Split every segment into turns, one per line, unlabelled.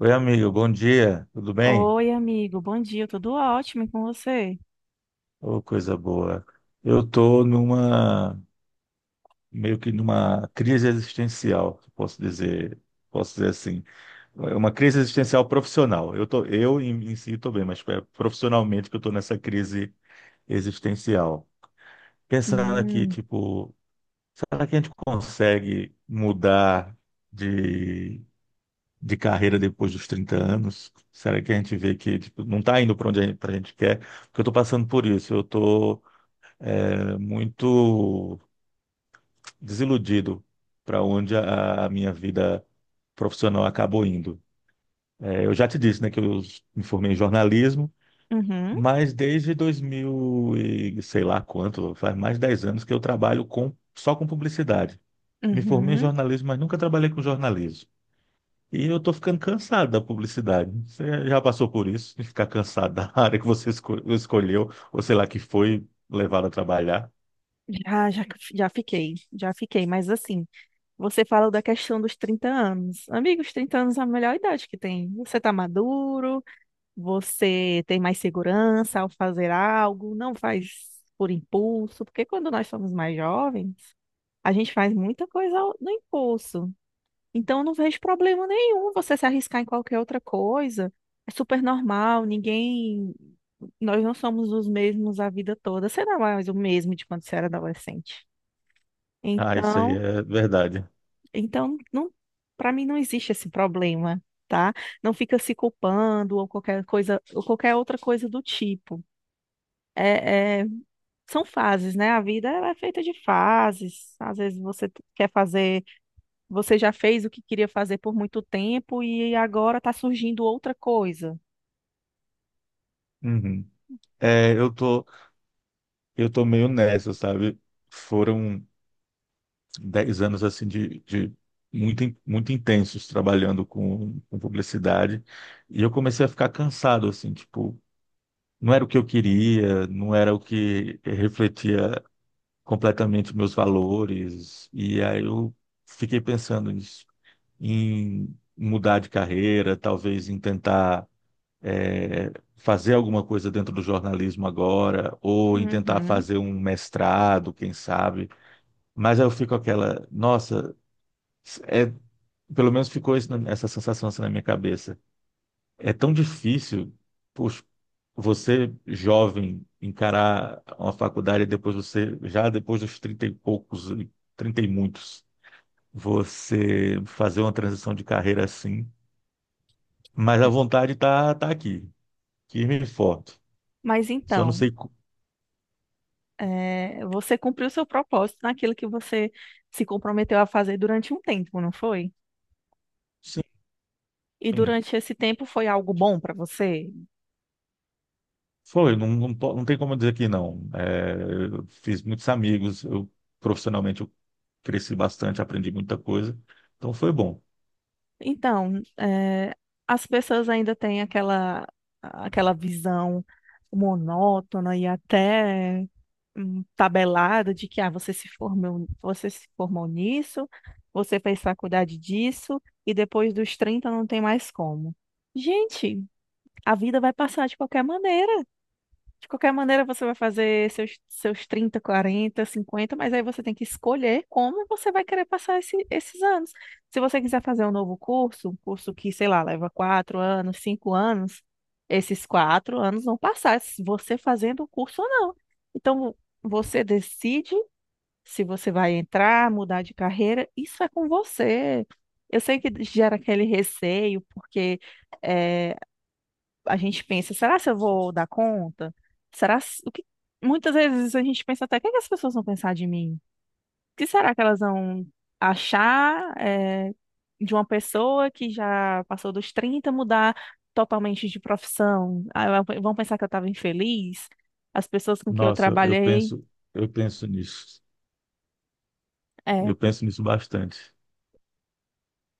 Oi, amigo, bom dia, tudo bem?
Oi, amigo, bom dia, tudo ótimo e com você?
Ô, coisa boa. Eu tô numa, meio que numa crise existencial, posso dizer assim. Uma crise existencial profissional. Eu tô, eu em, em si estou bem, mas é profissionalmente que eu estou nessa crise existencial. Pensando aqui,
Hum,
tipo, será que a gente consegue mudar de de carreira depois dos 30 anos? Será que a gente vê que tipo, não está indo para onde a gente, pra gente quer? Porque eu estou passando por isso. Eu estou muito desiludido para onde a minha vida profissional acabou indo. É, eu já te disse, né, que eu me formei em jornalismo,
uhum,
mas desde 2000 e sei lá quanto, faz mais de 10 anos que eu trabalho com, só com publicidade. Me formei em
uhum.
jornalismo, mas nunca trabalhei com jornalismo. E eu tô ficando cansado da publicidade. Você já passou por isso, de ficar cansado da área que você escolheu, ou sei lá, que foi levado a trabalhar?
Já, já, já fiquei, mas assim, você fala da questão dos 30 anos, amigos. 30 anos é a melhor idade que tem. Você está maduro, você tem mais segurança ao fazer algo, não faz por impulso, porque quando nós somos mais jovens, a gente faz muita coisa no impulso. Então, eu não vejo problema nenhum você se arriscar em qualquer outra coisa. É super normal, ninguém. Nós não somos os mesmos a vida toda. Você não é mais o mesmo de quando você era adolescente.
Ah, isso aí
Então.
é verdade.
Então, não, para mim não existe esse problema, tá? Não fica se culpando ou qualquer coisa, ou qualquer outra coisa do tipo. É, é, são fases, né? A vida ela é feita de fases. Às vezes você quer fazer, você já fez o que queria fazer por muito tempo e agora está surgindo outra coisa.
Uhum. É, eu tô, eu tô meio nessa, sabe? Foram 10 anos, assim, de muito, muito intensos trabalhando com publicidade. E eu comecei a ficar cansado, assim, tipo, não era o que eu queria, não era o que refletia completamente os meus valores. E aí eu fiquei pensando nisso, em mudar de carreira, talvez em tentar é, fazer alguma coisa dentro do jornalismo agora, ou em tentar
Uhum.
fazer um mestrado, quem sabe. Mas aí eu fico aquela, nossa, é, pelo menos ficou isso essa sensação assim na minha cabeça. É tão difícil. Poxa, você jovem encarar uma faculdade e depois você já depois dos 30 e poucos, 30 e muitos, você fazer uma transição de carreira assim, mas a vontade tá aqui, firme e forte.
Mas
Só não
então,
sei
Você cumpriu seu propósito naquilo que você se comprometeu a fazer durante um tempo, não foi?
sim,
E
sim.
durante esse tempo foi algo bom para você?
Foi, não, não, não tem como dizer que não. É, eu fiz muitos amigos, eu profissionalmente eu cresci bastante, aprendi muita coisa, então foi bom.
Então, as pessoas ainda têm aquela visão monótona e até tabelada de que você se formou, nisso, você fez faculdade disso, e depois dos 30 não tem mais como. Gente, a vida vai passar de qualquer maneira. De qualquer maneira, você vai fazer seus 30, 40, 50 mas aí você tem que escolher como você vai querer passar esses anos. Se você quiser fazer um novo curso, um curso que, sei lá, leva 4 anos, 5 anos, esses 4 anos vão passar, se você fazendo o curso ou não. Então, você decide se você vai entrar, mudar de carreira, isso é com você. Eu sei que gera aquele receio, porque eh, a gente pensa, será se eu vou dar conta? Será se- o que muitas vezes a gente pensa até, o que é que as pessoas vão pensar de mim? O que será que elas vão achar de uma pessoa que já passou dos 30 mudar totalmente de profissão? Ah, Vão pensar que eu estava infeliz? As pessoas com quem eu
Nossa,
trabalhei,
eu penso nisso.
é,
Eu penso nisso bastante.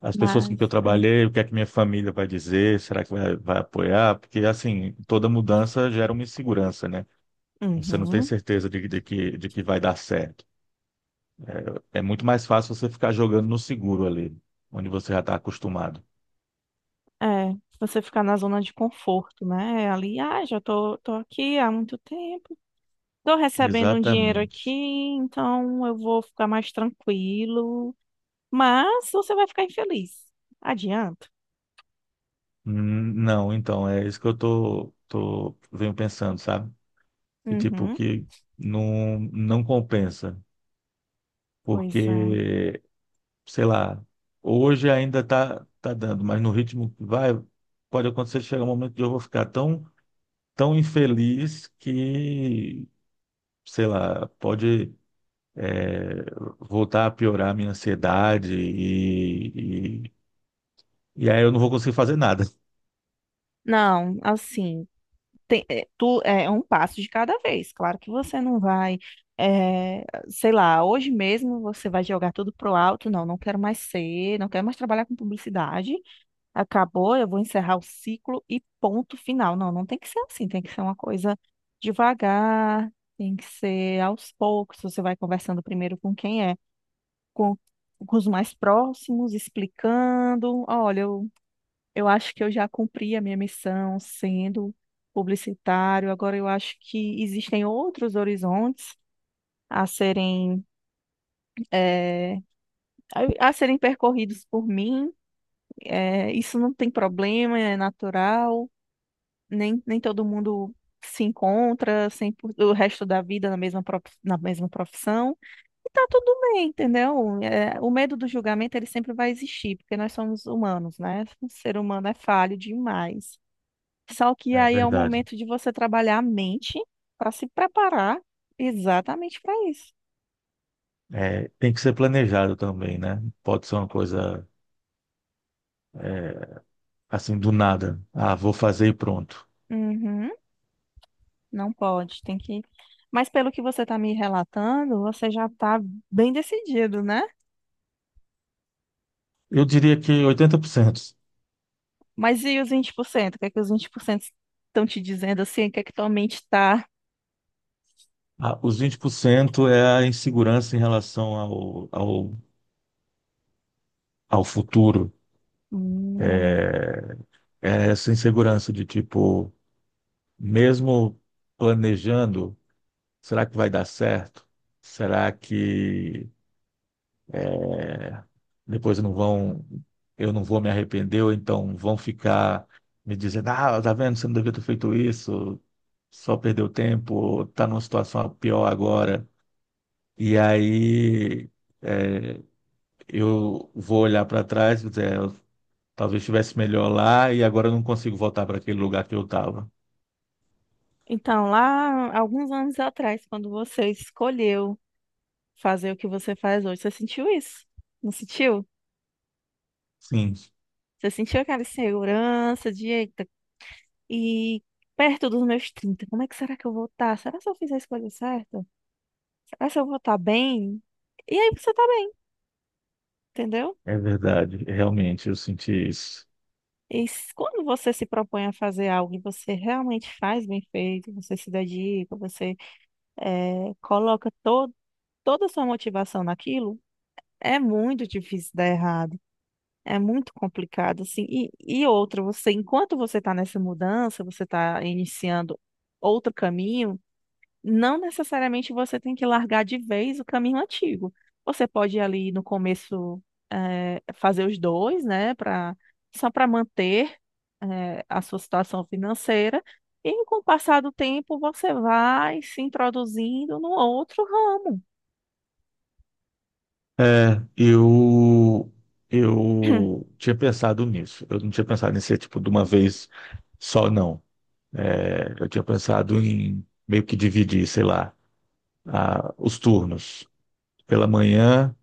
As pessoas com
mas
que eu trabalhei, o que é que minha família vai dizer, será que vai, vai apoiar? Porque, assim, toda mudança gera uma insegurança, né? Você não tem
uhum,
certeza de que, de que vai dar certo. É, é muito mais fácil você ficar jogando no seguro ali, onde você já está acostumado.
é, você ficar na zona de conforto, né? Ali, já tô aqui há muito tempo. Tô recebendo um dinheiro aqui,
Exatamente.
então eu vou ficar mais tranquilo. Mas você vai ficar infeliz. Adianto.
Não, então, é isso que venho pensando, sabe? E, tipo,
Uhum.
que não, não compensa,
Pois é.
porque sei lá, hoje ainda tá dando, mas no ritmo que vai, pode acontecer de chegar um momento que eu vou ficar tão, tão infeliz que, sei lá, pode é, voltar a piorar a minha ansiedade e aí eu não vou conseguir fazer nada.
Não, assim, tu é um passo de cada vez. Claro que você não vai, é, sei lá, hoje mesmo você vai jogar tudo pro alto. Não, não quero mais trabalhar com publicidade. Acabou, eu vou encerrar o ciclo e ponto final. Não, não tem que ser assim, tem que ser uma coisa devagar, tem que ser aos poucos. Você vai conversando primeiro com, com os mais próximos, explicando: olha, eu acho que eu já cumpri a minha missão sendo publicitário, agora eu acho que existem outros horizontes a eh, serem percorridos por mim. Isso não tem problema, é natural. Nem todo mundo se encontra sem, o resto da vida na mesma profissão. E tá tudo bem, entendeu? É, o medo do julgamento ele sempre vai existir, porque nós somos humanos, né? O ser humano é falho demais. Só que
É
aí é o
verdade.
momento de você trabalhar a mente para se preparar exatamente para isso.
É, tem que ser planejado também, né? Pode ser uma coisa é, assim do nada. Ah, vou fazer e pronto.
Uhum, não pode, tem que. Mas pelo que você está me relatando, você já está bem decidido, né?
Eu diria que 80%.
Mas e os 20%? O que é que os 20% estão te dizendo assim? O que é que tua mente tá?
Ah, os 20% é a insegurança em relação ao futuro.
Hum.
É, é essa insegurança de tipo, mesmo planejando, será que vai dar certo? Será que é, depois não vão, eu não vou me arrepender, ou então vão ficar me dizendo, ah, tá vendo, você não devia ter feito isso, só perdeu tempo, tá numa situação pior agora. E aí é, eu vou olhar para trás e dizer, talvez estivesse melhor lá e agora eu não consigo voltar para aquele lugar que eu estava.
Então, lá, alguns anos atrás, quando você escolheu fazer o que você faz hoje, você sentiu isso? Não sentiu?
Sim,
Você sentiu aquela insegurança de, eita, e perto dos meus 30, como é que será que eu vou estar? Será que eu fiz a escolha certa? Será que eu vou estar bem? E aí você tá bem, entendeu?
é verdade. Realmente, eu senti isso.
E quando você se propõe a fazer algo e você realmente faz bem feito, você se dedica, você coloca to toda a sua motivação naquilo, é muito difícil dar errado. É muito complicado, assim. E outra, você, enquanto você está nessa mudança, você está iniciando outro caminho, não necessariamente você tem que largar de vez o caminho antigo. Você pode ali no começo, fazer os dois, né, para só para manter, a sua situação financeira. E com o passar do tempo, você vai se introduzindo no outro ramo.
É, eu, eu tinha pensado nisso. Eu não tinha pensado em ser tipo de uma vez só, não. É, eu tinha pensado em meio que dividir, sei lá, os turnos. Pela manhã,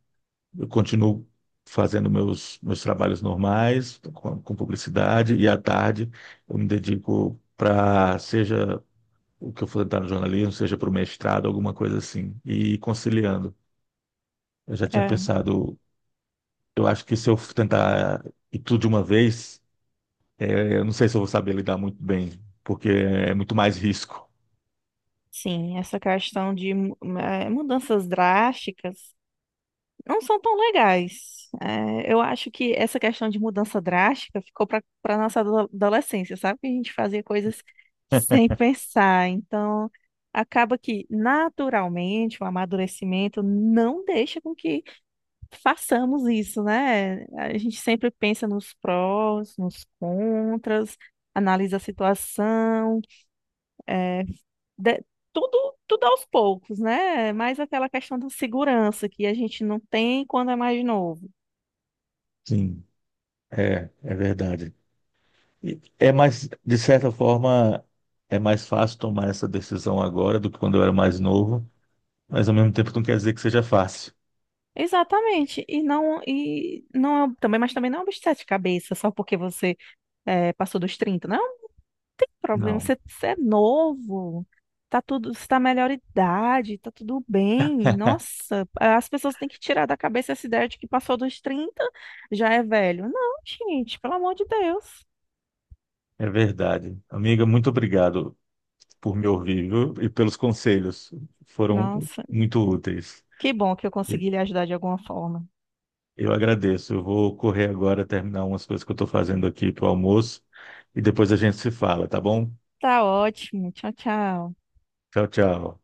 eu continuo fazendo meus trabalhos normais, com publicidade, e à tarde eu me dedico para, seja o que eu for tentar no jornalismo, seja para o mestrado, alguma coisa assim, e ir conciliando. Eu já tinha
É,
pensado, eu acho que se eu tentar ir tudo de uma vez, eu não sei se eu vou saber lidar muito bem, porque é muito mais risco.
sim, essa questão de mudanças drásticas não são tão legais. Eu acho que essa questão de mudança drástica ficou para nossa adolescência, sabe? Que a gente fazia coisas sem pensar. Então, acaba que naturalmente o amadurecimento não deixa com que façamos isso, né? A gente sempre pensa nos prós, nos contras, analisa a situação. de- tudo, tudo aos poucos, né? Mais aquela questão da segurança que a gente não tem quando é mais novo.
Sim, é, é verdade. E é mais, de certa forma, é mais fácil tomar essa decisão agora do que quando eu era mais novo, mas ao mesmo tempo não quer dizer que seja fácil.
Exatamente. E não é também, mas também não é um bicho de sete cabeças, só porque você passou dos 30. Não é um problema.
Não,
Você é novo. Tá tudo, você tá melhor idade, tá tudo bem. Nossa, as pessoas têm que tirar da cabeça essa ideia de que passou dos 30 já é velho. Não, gente, pelo amor de Deus.
é verdade. Amiga, muito obrigado por me ouvir, viu? E pelos conselhos. Foram
Nossa,
muito úteis.
que bom que eu
E-
consegui lhe ajudar de alguma forma.
Eu agradeço. Eu vou correr agora, terminar umas coisas que eu estou fazendo aqui para o almoço e depois a gente se fala, tá bom?
Tá ótimo. Tchau, tchau.
Tchau, tchau.